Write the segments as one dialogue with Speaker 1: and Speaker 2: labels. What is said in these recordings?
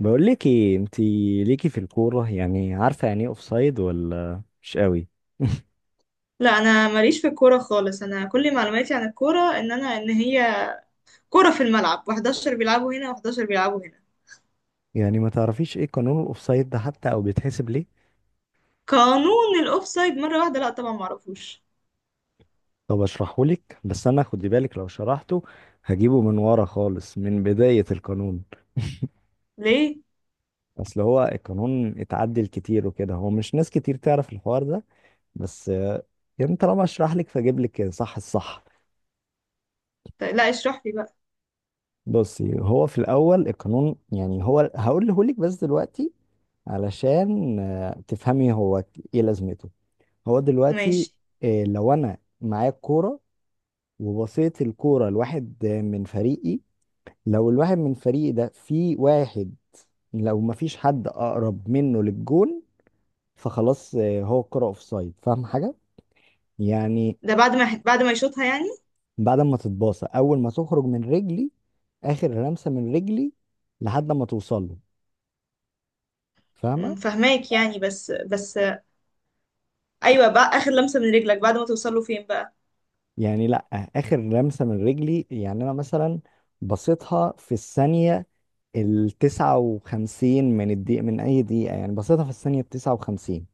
Speaker 1: بقول لك ايه انت ليكي في الكوره؟ يعني عارفه يعني ايه اوفسايد ولا مش قوي؟
Speaker 2: لا، انا ماليش في الكوره خالص. انا كل معلوماتي عن الكوره ان انا ان هي كوره في الملعب، و11 بيلعبوا هنا، و11 بيلعبوا هنا.
Speaker 1: يعني ما تعرفيش ايه قانون الاوفسايد ده حتى او بيتحسب ليه؟
Speaker 2: قانون الاوفسايد؟ مره واحده، لا طبعا ما اعرفوش.
Speaker 1: طب اشرحه لك، بس انا خدي بالك لو شرحته هجيبه من ورا خالص من بدايه القانون.
Speaker 2: ليه؟
Speaker 1: اصل هو القانون اتعدل كتير وكده، هو مش ناس كتير تعرف الحوار ده. بس يعني طالما اشرح لك، فاجيب لك صح الصح.
Speaker 2: طيب، لا اشرح لي بقى.
Speaker 1: بصي، هو في الاول القانون، يعني هو هقوله لك بس دلوقتي علشان تفهمي هو ايه لازمته. هو دلوقتي
Speaker 2: ماشي.
Speaker 1: لو انا معايا الكوره وبصيت الكوره لواحد من فريقي، لو الواحد من فريقي ده في واحد، لو ما فيش حد اقرب منه للجون، فخلاص هو الكوره اوفسايد. فاهم حاجه يعني؟
Speaker 2: ده بعد ما يشوطها يعني؟
Speaker 1: بعد ما تتباصى، اول ما تخرج من رجلي، اخر لمسه من رجلي لحد ما توصل له. فاهمه؟
Speaker 2: فهماك يعني، بس بس. ايوه بقى، اخر لمسه من رجلك بعد ما توصل له فين بقى؟
Speaker 1: يعني لا، اخر لمسه من رجلي. يعني انا مثلا بصيتها في الثانيه التسعة وخمسين من الدقيقة، من أي دقيقة يعني بسيطة، في الثانية التسعة وخمسين.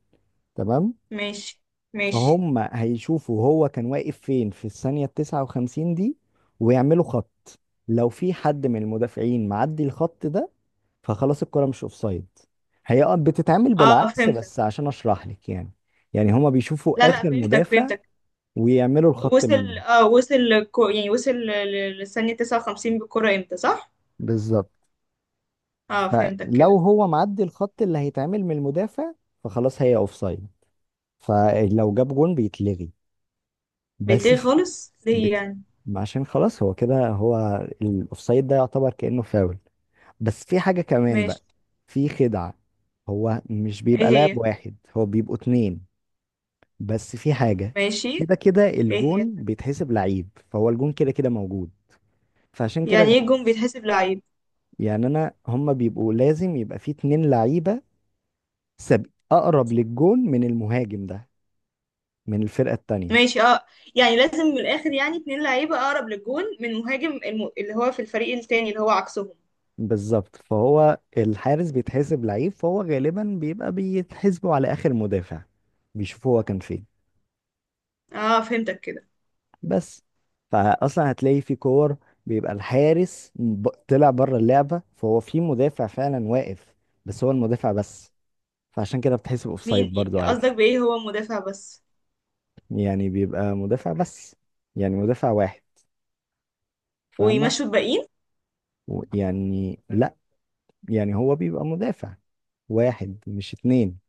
Speaker 1: تمام.
Speaker 2: ماشي، ماشي.
Speaker 1: فهم هيشوفوا هو كان واقف فين في الثانية التسعة وخمسين دي، ويعملوا خط. لو في حد من المدافعين معدي الخط ده، فخلاص الكرة مش أوفسايد. هي آه بتتعمل
Speaker 2: اه
Speaker 1: بالعكس،
Speaker 2: فهمتك.
Speaker 1: بس عشان أشرح لك يعني. يعني هما
Speaker 2: لا
Speaker 1: بيشوفوا
Speaker 2: لا،
Speaker 1: آخر
Speaker 2: فهمتك،
Speaker 1: مدافع،
Speaker 2: فهمتك.
Speaker 1: ويعملوا الخط منه.
Speaker 2: وصل، اه وصل كو... يعني وصل ل- ل- للثانيه 59 بالكره، امتى؟ صح؟
Speaker 1: بالظبط.
Speaker 2: اه فهمتك
Speaker 1: فلو
Speaker 2: كده.
Speaker 1: هو معدي الخط اللي هيتعمل من المدافع، فخلاص هي أوفسايد. فلو جاب جون بيتلغي. بس
Speaker 2: بتلاقي
Speaker 1: في
Speaker 2: خالص ليه
Speaker 1: بيت...
Speaker 2: يعني؟
Speaker 1: عشان خلاص هو كده، هو الاوفسايد ده يعتبر كأنه فاول. بس في حاجة كمان بقى.
Speaker 2: ماشي.
Speaker 1: في خدعة. هو مش
Speaker 2: ايه
Speaker 1: بيبقى لاعب
Speaker 2: هي؟
Speaker 1: واحد، هو بيبقوا اتنين. بس في حاجة،
Speaker 2: ماشي.
Speaker 1: كده كده
Speaker 2: ايه هي؟
Speaker 1: الجون بيتحسب لعيب، فهو الجون كده كده موجود. فعشان كده
Speaker 2: يعني ايه جون بيتحسب لعيب؟
Speaker 1: يعني انا هما بيبقوا لازم يبقى في اتنين لعيبة سب... اقرب للجون من المهاجم ده، من الفرقة التانية.
Speaker 2: ماشي، اه. يعني لازم من الاخر، يعني اتنين لعيبة اقرب للجون من مهاجم اللي هو في الفريق التاني اللي هو عكسهم.
Speaker 1: بالظبط، فهو الحارس بيتحسب لعيب، فهو غالبا بيبقى بيتحسبوا على اخر مدافع، بيشوفوا هو كان فين.
Speaker 2: اه فهمتك كده.
Speaker 1: بس فاصلا هتلاقي في كور بيبقى الحارس طلع بره اللعبه، فهو في مدافع فعلا واقف، بس هو المدافع بس. فعشان كده بتحسب
Speaker 2: مين؟
Speaker 1: اوفسايد برضو
Speaker 2: قصدك
Speaker 1: عادي.
Speaker 2: بايه هو مدافع بس؟
Speaker 1: يعني بيبقى مدافع بس، يعني مدافع واحد. فاهمه؟
Speaker 2: ويمشوا الباقيين؟
Speaker 1: يعني لا، يعني هو بيبقى مدافع واحد، مش اتنين.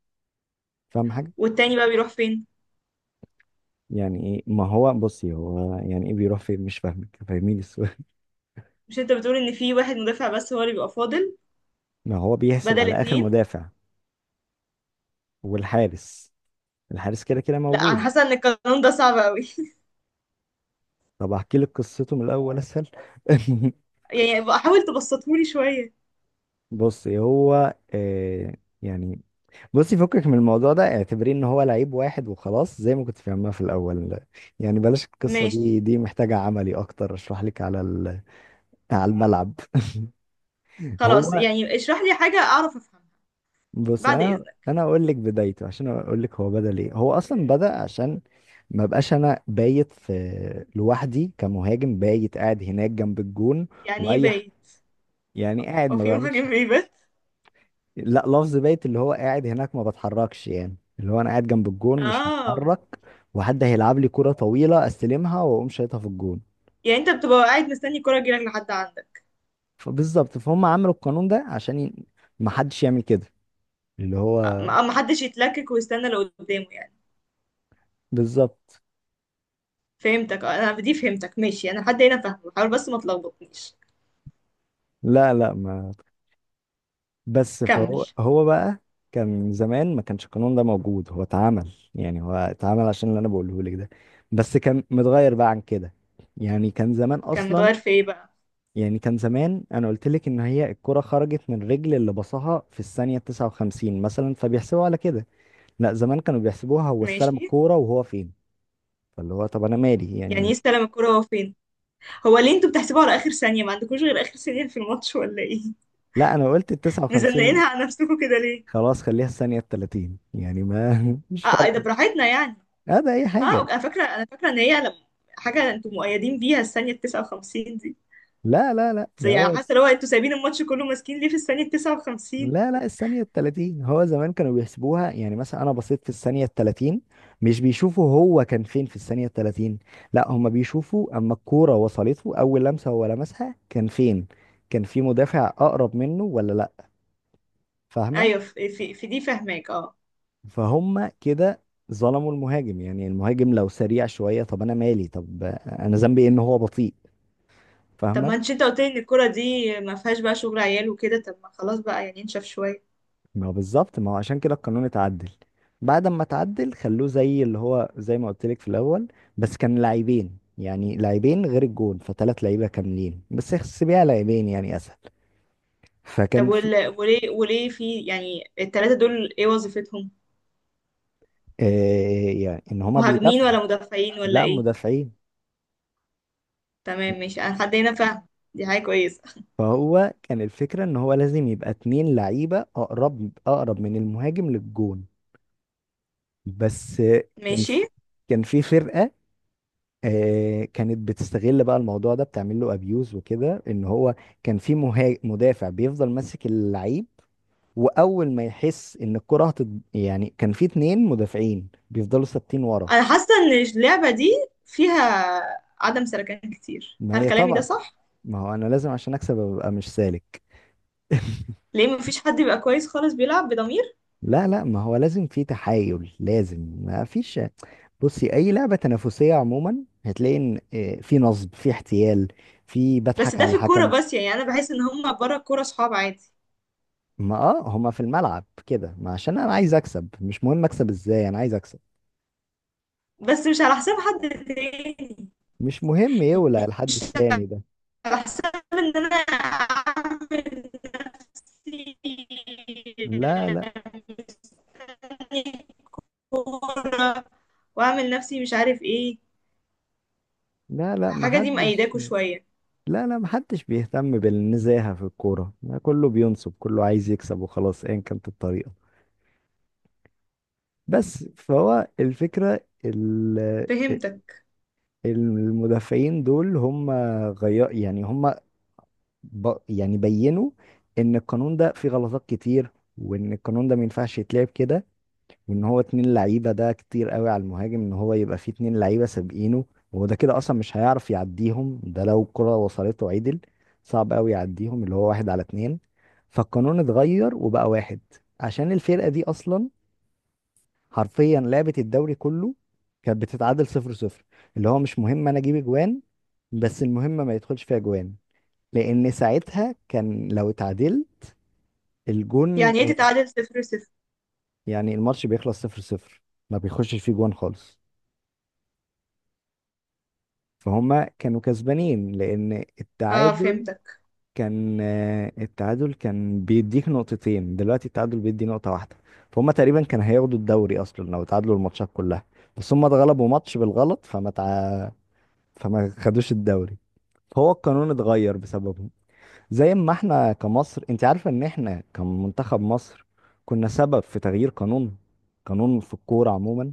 Speaker 1: فاهم حاجه؟
Speaker 2: والتاني بقى بيروح فين؟
Speaker 1: يعني ايه؟ ما هو بصي هو يعني ايه بيروح فين؟ مش فاهمك، فاهميني السؤال.
Speaker 2: مش انت بتقول ان في واحد مدافع بس هو اللي بيبقى فاضل؟
Speaker 1: ما هو بيحسب
Speaker 2: بدل
Speaker 1: على اخر
Speaker 2: اتنين.
Speaker 1: مدافع والحارس، الحارس كده كده
Speaker 2: لا، انا
Speaker 1: موجود.
Speaker 2: حاسه ان القانون ده صعب قوي.
Speaker 1: طب احكي لك قصته من الاول اسهل.
Speaker 2: يعني بقى حاول تبسطهولي شويه.
Speaker 1: بصي هو آه، يعني بصي، فكك من الموضوع ده، اعتبريه ان هو لعيب واحد وخلاص، زي ما كنت فاهمها في الاول. يعني بلاش القصة دي،
Speaker 2: ماشي.
Speaker 1: محتاجة عملي اكتر، اشرح لك على على الملعب. هو
Speaker 2: خلاص يعني، اشرح لي حاجه اعرف افهمها.
Speaker 1: بص،
Speaker 2: بعد
Speaker 1: يعني انا
Speaker 2: اذنك،
Speaker 1: انا اقول لك بدايته عشان اقول لك هو بدأ ليه. هو اصلا بدأ عشان ما بقاش انا بايت في لوحدي كمهاجم، بايت قاعد هناك جنب الجون،
Speaker 2: يعني ايه
Speaker 1: واي ح-
Speaker 2: بايت؟
Speaker 1: يعني قاعد
Speaker 2: هو
Speaker 1: ما
Speaker 2: في
Speaker 1: بعملش
Speaker 2: مهاجم بيبات؟
Speaker 1: لا، لفظ بايت اللي هو قاعد هناك ما بتحركش، يعني اللي هو انا قاعد جنب الجون، مش
Speaker 2: اه.
Speaker 1: هتحرك، وحد هيلعب لي كرة طويلة استلمها واقوم شايطها في الجون.
Speaker 2: يعني انت بتبقى قاعد مستني الكرة تجيلك لحد عندك؟
Speaker 1: فبالظبط، فهم عملوا القانون ده عشان ما حدش يعمل كده، اللي هو
Speaker 2: ما حدش يتلكك ويستنى اللي قدامه يعني.
Speaker 1: بالظبط.
Speaker 2: فهمتك، انا دي فهمتك، ماشي، انا لحد هنا فاهمه، حاول بس ما تلخبطنيش.
Speaker 1: لا ما بس
Speaker 2: كمل.
Speaker 1: فهو بقى كان زمان ما كانش القانون ده موجود، هو اتعمل، يعني هو اتعمل عشان اللي انا بقوله لك ده، بس كان متغير بقى عن كده. يعني كان زمان
Speaker 2: كان
Speaker 1: اصلا،
Speaker 2: متغير في ايه بقى؟
Speaker 1: يعني كان زمان انا قلت لك ان هي الكرة خرجت من الرجل اللي بصها في الثانية 59 مثلا، فبيحسبوا على كده. لا، زمان كانوا بيحسبوها هو استلم
Speaker 2: ماشي.
Speaker 1: الكورة وهو فين. فاللي هو طب انا مالي
Speaker 2: يعني
Speaker 1: يعني.
Speaker 2: يستلم الكرة هو فين؟ هو ليه انتوا بتحسبوها على اخر ثانية؟ ما عندكوش غير اخر ثانية في الماتش ولا ايه؟
Speaker 1: لا، انا قلت ال 59.
Speaker 2: مزنقينها على نفسكم كده ليه؟
Speaker 1: خلاص خليها الثانية 30 يعني ما مش
Speaker 2: اه، إيه ده،
Speaker 1: فارقة.
Speaker 2: براحتنا يعني.
Speaker 1: هذا اي
Speaker 2: اه،
Speaker 1: حاجة.
Speaker 2: انا فاكرة، انا فاكرة ان هي لما حاجة انتوا مؤيدين بيها الثانية 59.
Speaker 1: لا ده
Speaker 2: يعني
Speaker 1: هو.
Speaker 2: حاسه اللي هو انتوا سايبين الماتش كله ماسكين ليه في الثانيه 59؟
Speaker 1: لا الثانية التلاتين، هو زمان كانوا بيحسبوها. يعني مثلا أنا بصيت في الثانية التلاتين، مش بيشوفوا هو كان فين في الثانية التلاتين. لا، هما بيشوفوا أما الكورة وصلته أول لمسة هو لمسها كان فين، كان في مدافع أقرب منه ولا لا. فاهمة؟
Speaker 2: ايوه، في دي فاهماك اه.
Speaker 1: فهم كده ظلموا المهاجم. يعني المهاجم لو سريع شوية، طب أنا مالي؟ طب أنا ذنبي إيه إن هو بطيء؟
Speaker 2: طب
Speaker 1: فاهمة؟
Speaker 2: ما انتش، انت قلت لي ان الكوره دي ما فيهاش بقى شغل عيال وكده، طب ما خلاص بقى يعني، انشف شويه.
Speaker 1: ما هو بالظبط، ما هو عشان كده القانون اتعدل. بعد ما اتعدل خلوه زي اللي هو زي ما قلت لك في الاول، بس كان لاعبين، يعني لاعبين غير الجون، فثلاث لعيبه كاملين، بس احسبيها لاعبين يعني اسهل.
Speaker 2: طب
Speaker 1: فكان في
Speaker 2: وليه في يعني الثلاثه دول ايه وظيفتهم؟
Speaker 1: آه، يعني ان هما
Speaker 2: مهاجمين
Speaker 1: بيدافعوا.
Speaker 2: ولا مدافعين ولا
Speaker 1: لا،
Speaker 2: ايه؟
Speaker 1: مدافعين.
Speaker 2: تمام ماشي، انا حد هنا فاهم، دي حاجه كويسه.
Speaker 1: فهو كان الفكره ان هو لازم يبقى اتنين لعيبه اقرب، اقرب من المهاجم للجون بس. كان
Speaker 2: ماشي.
Speaker 1: في كان في فرقه كانت بتستغل بقى الموضوع ده، بتعمل له ابيوز وكده، ان هو كان في مدافع بيفضل ماسك اللعيب، واول ما يحس ان الكره يعني كان في اتنين مدافعين بيفضلوا ثابتين ورا.
Speaker 2: انا حاسه ان اللعبه دي فيها عدم سلكان كتير،
Speaker 1: ما
Speaker 2: هل
Speaker 1: هي
Speaker 2: كلامي ده
Speaker 1: طبعا،
Speaker 2: صح؟
Speaker 1: ما هو انا لازم عشان اكسب ابقى مش سالك.
Speaker 2: ليه مفيش حد بيبقى كويس خالص بيلعب بضمير؟
Speaker 1: لا لا، ما هو لازم في تحايل، لازم، ما فيش. بصي اي لعبة تنافسية عموما، هتلاقي ان في نصب، في احتيال، في
Speaker 2: بس
Speaker 1: بضحك
Speaker 2: ده
Speaker 1: على
Speaker 2: في الكورة
Speaker 1: الحكم.
Speaker 2: بس يعني، انا بحس ان هما بره الكورة صحاب عادي.
Speaker 1: ما اه، هما في الملعب كده، ما عشان انا عايز اكسب، مش مهم اكسب ازاي، انا عايز اكسب.
Speaker 2: بس مش على حساب حد تاني،
Speaker 1: مش مهم يولع الحد التاني ده.
Speaker 2: على حساب ان انا اعمل نفسي
Speaker 1: لا لا
Speaker 2: مستني كورة، واعمل نفسي مش عارف ايه.
Speaker 1: لا
Speaker 2: الحاجة دي
Speaker 1: محدش.
Speaker 2: مأيداكوا شوية.
Speaker 1: لا محدش بيهتم بالنزاهة في الكورة. كله بينصب، كله عايز يكسب وخلاص ايا كانت الطريقة. بس فهو الفكرة
Speaker 2: فهمتك.
Speaker 1: المدافعين دول، هم غير يعني هم ب... يعني بينوا ان القانون ده فيه غلطات كتير، وان القانون ده ما ينفعش يتلعب كده، وان هو اتنين لعيبه ده كتير قوي على المهاجم، ان هو يبقى فيه اتنين لعيبه سابقينه، وهو ده كده اصلا مش هيعرف يعديهم، ده لو الكره وصلته عدل، صعب قوي يعديهم، اللي هو واحد على اتنين. فالقانون اتغير وبقى واحد. عشان الفرقه دي اصلا، حرفيا لعبه الدوري كله، كانت بتتعادل صفر صفر، اللي هو مش مهم انا اجيب اجوان، بس المهم ما يدخلش فيها جوان، لان ساعتها كان لو اتعادل الجون
Speaker 2: يعني ايه تتعادل صفر صفر؟
Speaker 1: يعني الماتش بيخلص صفر صفر، ما بيخشش فيه جوان خالص، فهم كانوا كسبانين لان
Speaker 2: اه
Speaker 1: التعادل
Speaker 2: فهمتك.
Speaker 1: كان التعادل كان بيديك نقطتين، دلوقتي التعادل بيدي نقطة واحدة. فهم تقريبا كان هياخدوا الدوري اصلا لو تعادلوا الماتشات كلها، بس هم اتغلبوا ماتش بالغلط فما خدوش الدوري. فهو القانون اتغير بسببهم. زي ما احنا كمصر، انت عارفة ان احنا كمنتخب مصر كنا سبب في تغيير قانون، قانون في الكورة عموما؟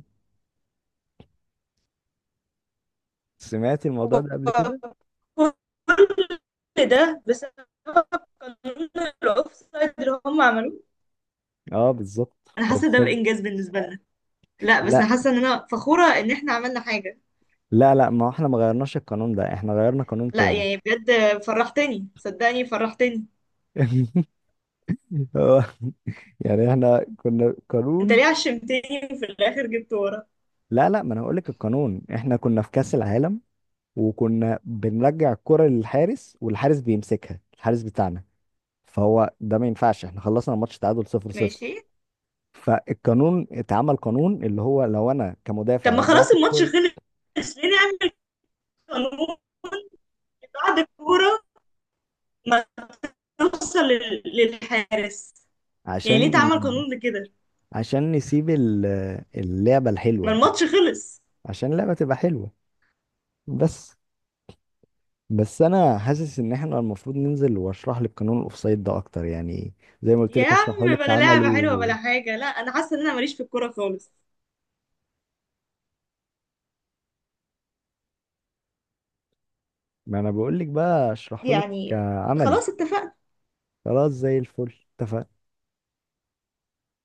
Speaker 1: سمعت الموضوع
Speaker 2: و-
Speaker 1: ده قبل كده؟
Speaker 2: كل ده بسبب قانون الاوفسايد اللي هم عملوه؟
Speaker 1: اه بالظبط،
Speaker 2: انا
Speaker 1: هو
Speaker 2: حاسه ده
Speaker 1: بسبب.
Speaker 2: بانجاز بالنسبه لنا. لا بس
Speaker 1: لا
Speaker 2: انا حاسه ان انا فخوره ان احنا عملنا حاجه.
Speaker 1: لا ما احنا ما غيرناش القانون ده، احنا غيرنا قانون
Speaker 2: لا،
Speaker 1: تاني.
Speaker 2: يعني بجد فرحتني، صدقني فرحتني.
Speaker 1: هو- يعني احنا كنا
Speaker 2: انت
Speaker 1: قانون.
Speaker 2: ليه عشمتني؟ في الاخر جبت ورا.
Speaker 1: لا ما انا هقول لك القانون، احنا كنا في كأس العالم، وكنا بنرجع الكرة للحارس والحارس بيمسكها، الحارس بتاعنا. فهو ده ما ينفعش، احنا خلصنا الماتش تعادل 0-0.
Speaker 2: ماشي.
Speaker 1: فالقانون اتعمل قانون، اللي هو لو انا
Speaker 2: طب
Speaker 1: كمدافع
Speaker 2: ما خلاص،
Speaker 1: رجعت
Speaker 2: الماتش
Speaker 1: الكرة،
Speaker 2: خلص ليه نعمل قانون بعد الكوره ما توصل للحارس؟ يعني ليه
Speaker 1: عشان
Speaker 2: تعمل قانون لكده؟
Speaker 1: عشان نسيب اللعبة
Speaker 2: ما
Speaker 1: الحلوة،
Speaker 2: الماتش خلص.
Speaker 1: عشان اللعبة تبقى حلوة بس. بس انا حاسس ان احنا المفروض ننزل واشرح لك قانون الاوفسايد ده اكتر يعني، زي ما قلت
Speaker 2: يا
Speaker 1: لك اشرحه
Speaker 2: عم
Speaker 1: لك
Speaker 2: بلا
Speaker 1: عملي.
Speaker 2: لعبه حلوه بلا حاجه، لا انا حاسه ان انا ماليش في الكوره خالص
Speaker 1: ما انا بقول لك بقى اشرحه لك
Speaker 2: يعني.
Speaker 1: عملي.
Speaker 2: خلاص اتفقنا.
Speaker 1: خلاص زي الفل، اتفقنا.